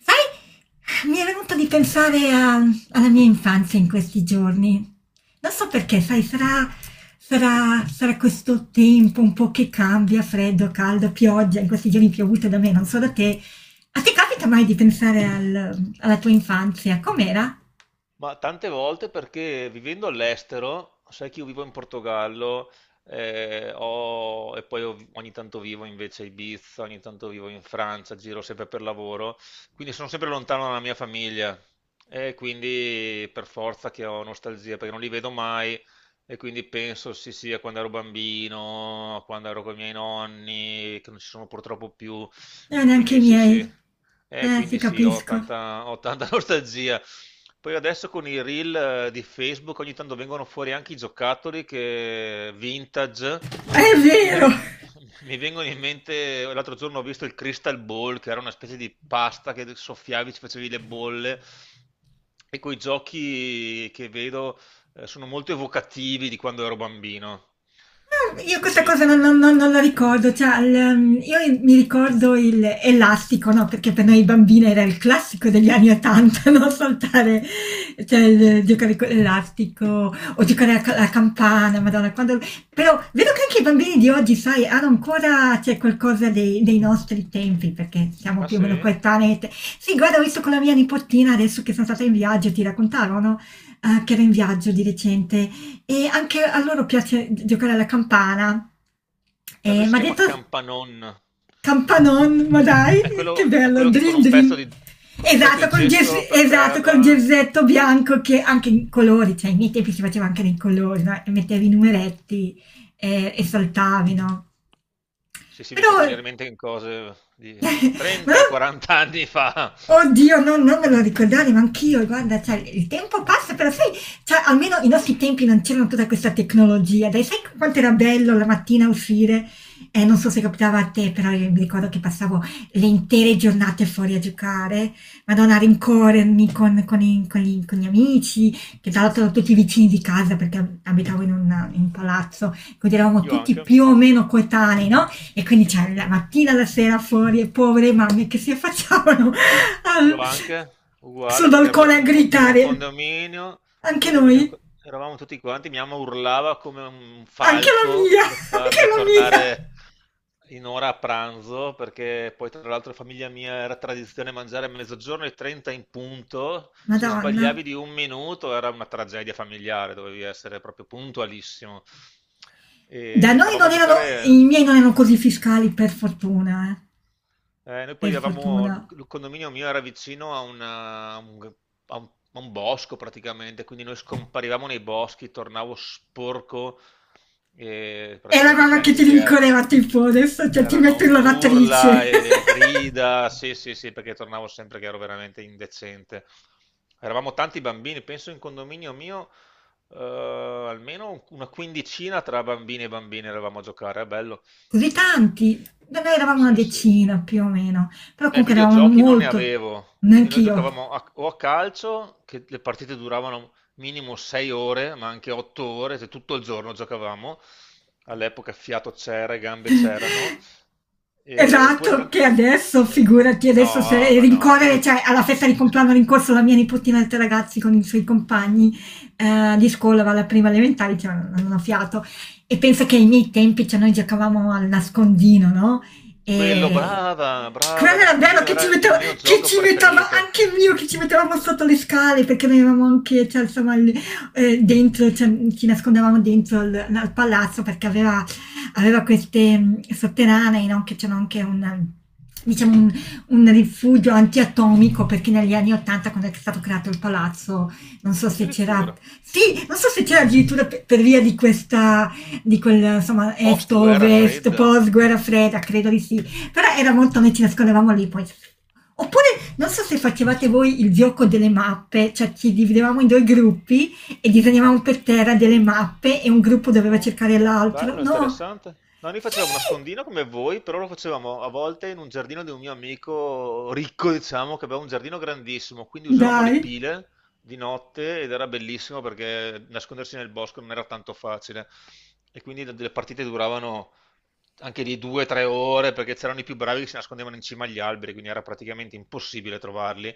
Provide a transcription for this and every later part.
Sai, mi è venuto di pensare alla mia infanzia in questi giorni. Non so perché, sai, sarà, sarà questo tempo un po' che cambia, freddo, caldo, pioggia, in questi giorni piovute da me, non so da te. A te capita mai di pensare alla tua infanzia? Com'era? Ma tante volte perché vivendo all'estero, sai che io vivo in Portogallo, ogni tanto vivo invece a Ibiza, ogni tanto vivo in Francia, giro sempre per lavoro, quindi sono sempre lontano dalla mia famiglia e quindi per forza che ho nostalgia perché non li vedo mai, e quindi penso sì sì a quando ero bambino, a quando ero con i miei nonni, che non ci sono purtroppo più, e Neanche quindi i sì sì. miei. Eh, Ti quindi sì, ho capisco. tanta, ho tanta nostalgia. Poi adesso con i reel di Facebook ogni tanto vengono fuori anche i giocattoli che vintage, È e quindi vero! mi, mi vengono in mente, l'altro giorno ho visto il Crystal Ball che era una specie di pasta che soffiavi, ci facevi le bolle, e quei giochi che vedo sono molto evocativi di quando ero bambino. Ah, io questa Quindi, cosa ci- ci- non la ricordo, cioè, io mi ricordo il elastico, no? Perché per noi bambine era il classico degli anni 80, no? Saltare, cioè, giocare con l'elastico o giocare a alla campana, madonna, quando... Però vedo che anche i bambini di oggi, sai, hanno ancora, c'è qualcosa dei nostri tempi, perché siamo ah più o sì? meno coetanei. Sì, guarda, ho visto con la mia nipotina adesso che sono stata in viaggio, ti raccontavo, no? Che era in viaggio di recente e anche a loro piace giocare alla campana. Da noi si Ma chiama detto Campanon. campanon, ma dai, che È bello, quello che con dream un pezzo dream. di, con un pezzo Esatto, di col gesso per esatto, col terra. gersetto bianco che anche in colori, cioè ai miei tempi si faceva anche nei colori, no? E mettevi i numeretti e saltavi, no? Sì, sì, mi hai Però fatto venire in mente cose di Ma- 30-40 anni fa. oddio, non me lo ricordare, ma anch'io, guarda, cioè, il tempo passa, però sai, cioè, almeno i nostri tempi non c'era tutta questa tecnologia, dai, sai quanto era bello la mattina uscire? Non so se capitava a te, però io mi ricordo che passavo le intere giornate fuori a giocare, madonna, a rincorrermi con gli amici, che tra l'altro erano tutti vicini di casa perché abitavo in un palazzo, quindi eravamo Io tutti anche. più o meno coetanei, no? E quindi c'è la mattina, la sera fuori e povere mamme che si affacciavano Io al, anche, sul uguale, perché balcone abitavo a in gridare. Un Anche condominio in noi, cui eravamo tutti quanti, mia mamma urlava come un anche la mia, falco per anche farmi la mia. tornare in ora a pranzo, perché poi tra l'altro in famiglia mia era tradizione mangiare a mezzogiorno e 30 in punto, se Madonna. sbagliavi di un minuto era una tragedia familiare, dovevi essere proprio puntualissimo. Da E noi andavamo non a erano, giocare. i miei non erano così fiscali, per fortuna, eh. Noi Per poi avevamo, fortuna. il condominio mio era vicino a, una- a un, a un- a un bosco praticamente, quindi noi scomparivamo nei boschi, tornavo sporco e È la mamma praticamente che anche ti lì erano, rincorreva tipo adesso cioè, ti metto erano in urla lavatrice. e grida, sì sì sì, perché tornavo sempre che ero veramente indecente. Eravamo tanti bambini, penso in condominio mio almeno una quindicina tra bambini e bambine eravamo a giocare, è bello. così tanti. Noi eravamo una Sì, sì, sì. decina più o meno, però Eh, comunque eravamo videogiochi non ne molto, avevo, quindi noi neanch'io, giocavamo a- o a calcio, che le partite duravano minimo 6 ore, ma anche 8 ore, se tutto il giorno giocavamo, all'epoca fiato c'era, e gambe c'erano, oppure esatto, tanti. che adesso figurati adesso No, se ma no, rincorrere adesso. cioè alla festa di compleanno ho rincorso la mia nipotina e 3 ragazzi con i suoi compagni, di scuola alla prima elementare, cioè non ho fiato. E penso che ai miei tempi, cioè noi giocavamo al nascondino, no, Quello, ehm, brava, brava, quello era bello nascondino, era il mio che gioco ci metteva preferito, anche mio, che ci mettevamo sotto le scale perché noi avevamo anche cioè insomma il dentro cioè, ci nascondevamo dentro al palazzo perché aveva aveva queste sotterranei, no? Che c'era anche un, diciamo, un rifugio antiatomico, perché negli anni 80, quando è stato creato il palazzo, non so se c'era, addirittura, sì, non so se c'era addirittura per via di questa, di quel, insomma, post guerra est-ovest, fredda. post-guerra fredda, credo di sì, però era molto, noi ci nascondevamo lì, poi oppure non so se facevate voi il gioco delle mappe, cioè ci dividevamo in due gruppi e disegnavamo per terra delle mappe e un gruppo doveva No, cercare l'altro. bello, No! interessante. No, noi Sì! facevamo nascondino come voi, però lo facevamo a volte in un giardino di un mio amico ricco, diciamo, che aveva un giardino grandissimo, quindi usavamo le Dai! pile di notte ed era bellissimo perché nascondersi nel bosco non era tanto facile. E quindi le partite duravano anche lì due o tre ore perché c'erano i più bravi che si nascondevano in cima agli alberi, quindi era praticamente impossibile trovarli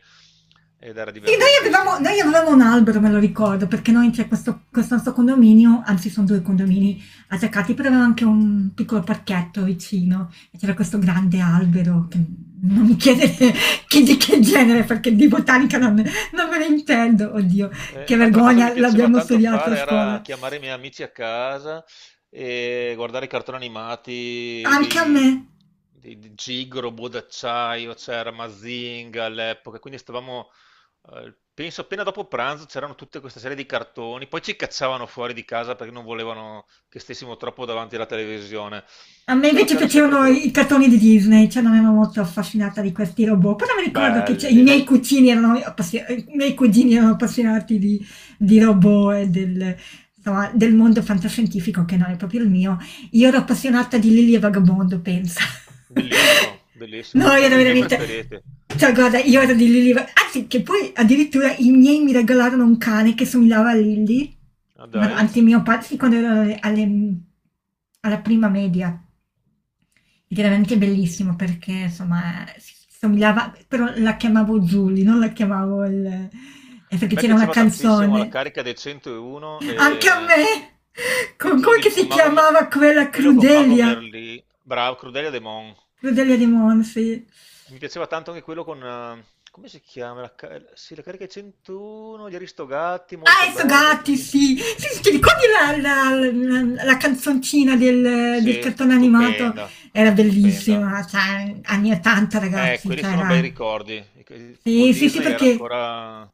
ed era Sì, divertentissimo. noi avevamo un albero, me lo ricordo, perché noi c'è questo, questo nostro condominio, anzi sono due condomini attaccati, però aveva anche un piccolo parchetto vicino e c'era questo grande albero che non mi chiedete di che Ah. genere, perché di botanica non me ne intendo, oddio, Eh, che un'altra cosa che mi vergogna, piaceva l'abbiamo tanto studiato a fare scuola. era chiamare i miei amici a casa e guardare i cartoni animati Anche a me, di Gig, Robot d'acciaio, c'era Mazinga all'epoca, quindi stavamo, penso appena dopo pranzo c'erano tutta questa serie di cartoni, poi ci cacciavano fuori di casa perché non volevano che stessimo troppo davanti alla televisione, a me però invece c'era sempre piacevano quell'ora. i cartoni di Disney, cioè non ero molto affascinata di questi robot, però mi ricordo che Belli, i miei cugini erano appassionati di robot e del, insomma, del mondo fantascientifico che non è proprio il mio. Io ero appassionata di Lily e Vagabondo, pensa. bellissimo, No, bellissimo, è io uno ero dei miei veramente... preferiti. Cioè, guarda, io ero di Lily... e anzi, che poi addirittura i miei mi regalarono un cane che somigliava a Lily. Ah, Ma no, dai. anzi, mio padre, sì, quando ero alla prima media. Ed era veramente bellissimo perché, insomma, si somigliava, però la chiamavo Julie, non la chiamavo il... A perché me c'era una piaceva tantissimo la canzone, carica dei 101 anche a me, e con quello, come che di- si con Mago, Me- chiamava e quella quello con Mago Crudelia, Merlì, bravo, Crudelia De Mon. Crudelia di Monfi. Mi piaceva tanto anche quello con, come si chiama? Sì, la carica dei 101, gli Aristogatti, molto Ah, e so bella. gatti, sì. Sì, sì, ti ricordi la, la- la canzoncina del, del Sì, cartone animato? stupenda, Era stupenda. bellissima, cioè, anni 80, Eh, ragazzi, quelli cioè, sono bei era... ricordi. Sì, Walt sì, sì, Disney era perché ancora,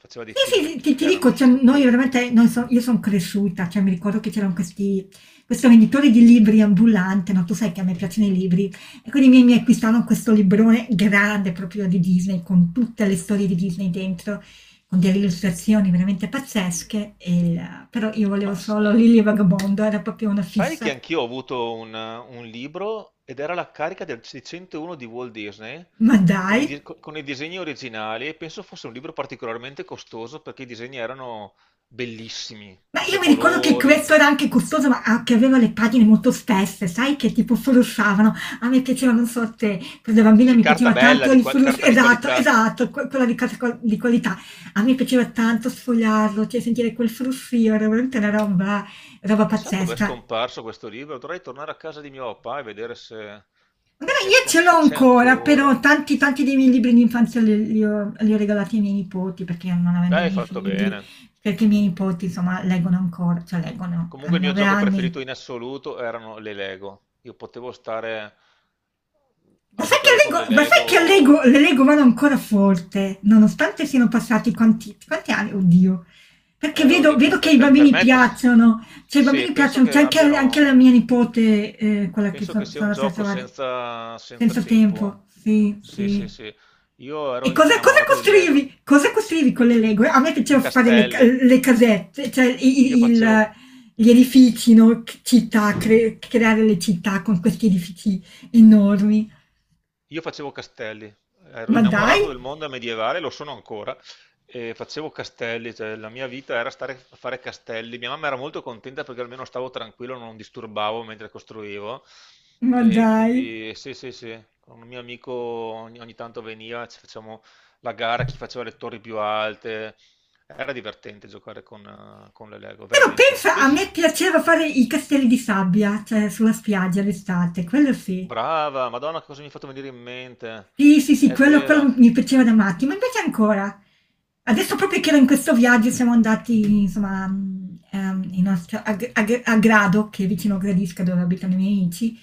faceva dei film sì, sì, sì, ti, che ti erano dico, cioè, noi stupendi. veramente, io sono cresciuta, cioè mi ricordo che c'erano questi, questo venditore di libri ambulante, no? Tu sai che a me piacciono i libri, e quindi mi acquistarono questo librone grande proprio di Disney, con tutte le storie di Disney dentro, con delle illustrazioni veramente pazzesche, e però io volevo Ma solo sai... Lily e il Vagabondo, era proprio una Sai che fissa. anch'io ho avuto un libro ed era la carica del 601 di Walt Disney Ma dai! Con i disegni originali, e penso fosse un libro particolarmente costoso perché i disegni erano bellissimi, Ma tutti io a mi ricordo che colori. questo era anche costoso, ma a che aveva le pagine molto spesse, sai, che tipo flussavano. A me piaceva, non so te, quando da bambina Sì, mi carta piaceva bella, tanto il flusso, carta di esatto, qualità. esatto, quella di, di qualità. A me piaceva tanto sfogliarlo, cioè sentire quel flussio, era veramente una roba, roba Chissà dove è pazzesca. scomparso questo libro, dovrei tornare a casa di mio papà e vedere se, Magari io ce l'ho se c'è ancora, ancora. però tanti, tanti dei miei libri di infanzia li ho regalati ai miei nipoti, perché non avendo Dai, i hai miei fatto figli, bene. perché i miei nipoti, insomma, leggono ancora, cioè leggono, hanno Comunque il mio nove gioco anni preferito in assoluto erano le Lego. Io potevo stare Ma a sai giocare che, con le l'ego, ma sai che l'ego, Lego. l'ego vado ancora forte, nonostante siano passati quanti, quanti anni? Oddio. Perché Eh, oddio, per, vedo che per- i per- per bambini me, piacciono, cioè i sì, bambini piacciono, c'è anche, anche la mia nipote, quella che penso che sia sono un andata a gioco trovare, senza, senza senza tempo, tempo. sì, Sì, sì, sì. sì. Io ero E cosa innamorato del costruivi? Lego. Cosa costruivi con le Lego? A me piaceva fare Castelli. le casette, cioè Io facevo gli edifici, no? Città, creare le città con questi edifici enormi. Io facevo castelli, ero Ma dai! innamorato del mondo medievale, lo sono ancora, e facevo castelli, cioè la mia vita era stare a fare castelli. Mia mamma era molto contenta perché almeno stavo tranquillo, non disturbavo mentre costruivo. Ma E dai! quindi sì, sì, sì, con un mio amico ogni tanto veniva, ci facciamo la gara, chi faceva le torri più alte. Era divertente giocare con le Lego, Però veramente. pensa, a Pens- me piaceva fare i castelli di sabbia, cioè sulla spiaggia l'estate, quello sì. Brava, Madonna, che cosa mi hai fatto venire in mente? Sì, sì, sì, È quello vero. quello mi piaceva da matti, ma invece ancora. Adesso proprio che ero in questo viaggio siamo andati, insomma, in una città a Grado, che è vicino a Gradisca dove abitano i miei amici,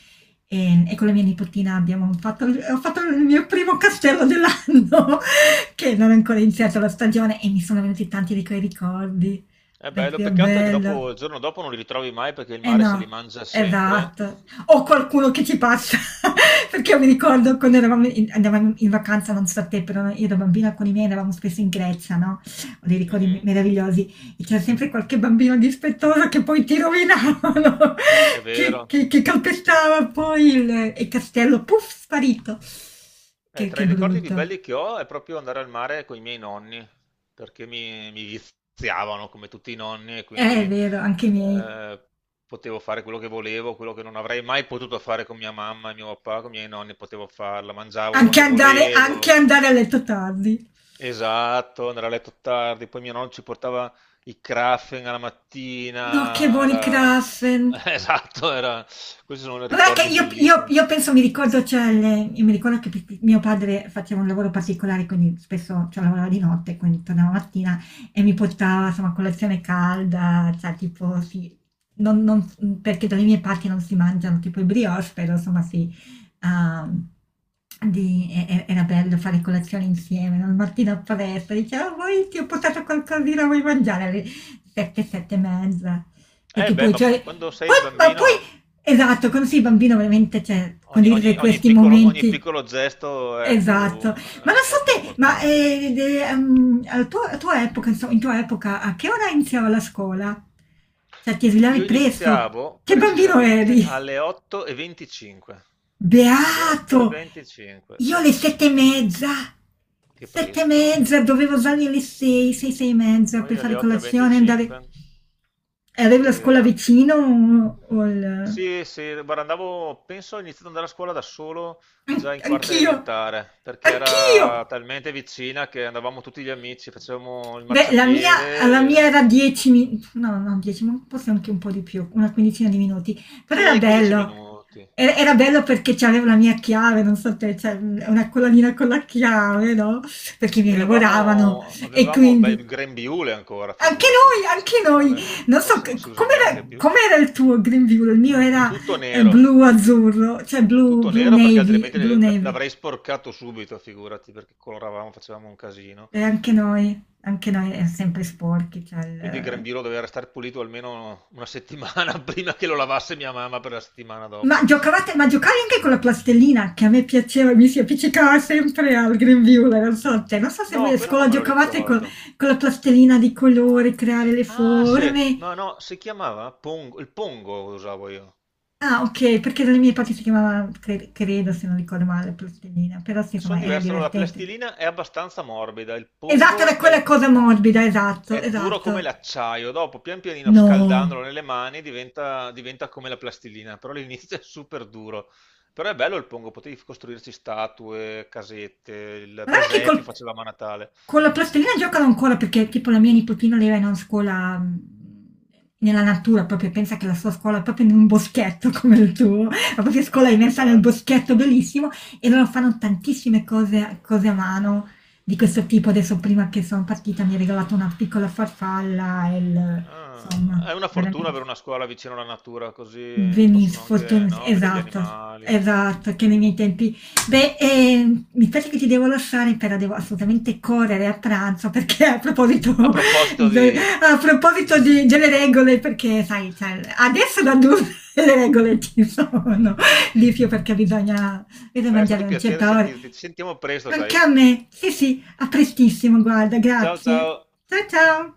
e con la mia nipotina abbiamo fatto il ho fatto il mio primo castello dell'anno, che non è ancora iniziata la stagione e mi sono venuti tanti di quei ricordi. È bello, Proprio peccato è che bello. dopo, il giorno dopo non li ritrovi mai perché il Eh mare se li no, mangia sempre. esatto. O qualcuno che ci passa, perché io mi ricordo quando andavamo in vacanza, non so a te, però io da bambina con i miei andavamo spesso in Grecia, no? Ho dei ricordi Mhm. meravigliosi e c'era sempre qualche bambino dispettoso che poi ti rovinavano, È vero. Che calpestava poi il castello, puff, sparito. Eh, tra Che i ricordi più brutto. belli che ho è proprio andare al mare con i miei nonni, perché mi viziavano come tutti i nonni e quindi È vero, anche i miei. Potevo fare quello che volevo, quello che non avrei mai potuto fare con mia mamma e mio papà, con i miei nonni potevo farla, mangiavo quando Anche volevo. andare a letto tardi. Esatto, andare a letto tardi, poi mio nonno ci portava i Krafen alla No, che mattina, buoni era, Krapfen. esatto, era, questi sono Guarda che ricordi io io bellissimi. io penso mi ricordo c'è le io mi ricordo che p p mio padre faceva un lavoro particolare, quindi spesso cioè lavorava di notte, quindi tornava la mattina e mi portava, insomma, colazione calda, cioè tipo sì, non non s mhmm, perché dalle mie parti non si mangiano tipo i brioche, però insomma sì, uhm, di era bello fare colazione insieme, no, la mattina appresso, diceva: "Ah, vuoi ti ho portato qualcosina, vuoi mangiare?" Alle 7, 7 e mezza. Eh Perché beh, poi ma poi cioè quando poi sei ma bambino poi esatto, quando sei bambino veramente, cioè, ogni, ogni- condividere ogni questi piccolo, ogni momenti piccolo gesto esatto. Ma non so è più te, ma, importante. De al tuo a tua epoca, inso in tua epoca, a che ora iniziava la scuola? Cioè, ti svegliavi Io presto? iniziavo Che bambino precisamente eri? alle 8:25. Alle Beato! 8:25, Io sì, alle 7 e mezza, che 7 e presto. mezza, dovevo alzarmi alle 6, 6, 6 e mezza per Noi fare alle colazione e 8:25. andare e E avevi la venticinque. scuola vicino o il Sì, sì, guarda, andavo, penso ho iniziato ad andare a scuola da solo già in quarta anch'io, elementare, perché anch'io. era talmente vicina che andavamo tutti gli amici, facevamo il Beh, la marciapiede. mia era 10 minuti, no, no, 10, ma forse anche un po' di più, una quindicina di minuti, però era Sì, 15 bello. minuti. Era, era bello perché c'avevo la mia chiave, non so te, cioè una collanina con la chiave, no? Perché mi Noi lavoravano avevamo, e avevamo beh, quindi il grembiule ancora, figurati, non- so, anche noi, adesso non so forse non si usa com'era, neanche più. com'era il tuo Green View, il mio era Tutto blu nero, azzurro, cioè blu, tutto blu nero perché navy, altrimenti blu navy. l'avrei sporcato subito, figurati, perché coloravamo, facevamo un casino. E anche noi è sempre sporchi, cioè Quindi il eh. grembiule doveva restare pulito almeno una settimana prima che lo lavasse mia mamma per la settimana Ma dopo. giocavate, ma giocavi anche con la plastilina che a me piaceva, mi si appiccicava sempre al grembiule, non so, cioè, non so se voi No, a quello non scuola me lo giocavate ricordo. con la plastilina di colore, creare le Ah, sì, forme. no, no, si chiamava Pongo, il Pongo usavo io. Ah, ok, perché dalle mie parti si chiamava, credo, se non ricordo male, plastilina, però sì, Sono insomma, era diverso, allora la divertente. plastilina è abbastanza morbida, il Esatto, era Pongo quella cosa morbida, esatto, è duro come esatto. l'acciaio, dopo pian pianino No. scaldandolo nelle mani diventa, diventa come la plastilina, però all'inizio è super duro. Però è bello il Pongo, potevi costruirci statue, casette, il Guarda che presepio facevamo a Natale. con la plastilina giocano ancora perché tipo la mia nipotina lei va in una scuola nella natura, proprio pensa che la sua scuola è proprio in un boschetto come il tuo, la propria scuola è Ah, che immersa nel bello. boschetto bellissimo e loro fanno tantissime cose, cose a mano di questo tipo. Adesso prima che sono partita mi ha regalato una piccola farfalla e Ah, insomma, è una fortuna veramente avere una scuola vicino alla natura, così Benis possono anche, fortun no, vedere gli esatto, animali. esatto, che nei miei tempi. Beh, mi piace che ti devo lasciare, però devo assolutamente correre a pranzo perché a proposito, A proposito de- di. a di- proposito delle regole, perché sai, cioè, adesso da adulto le regole ci sono, Lizio, perché bisogna, bisogna Beh, è stato mangiare un un piacere certo ore. sentirti. Ci sentiamo presto, Anche sai. a me, sì sì, a prestissimo, guarda, Ciao, grazie. ciao. Ciao ciao!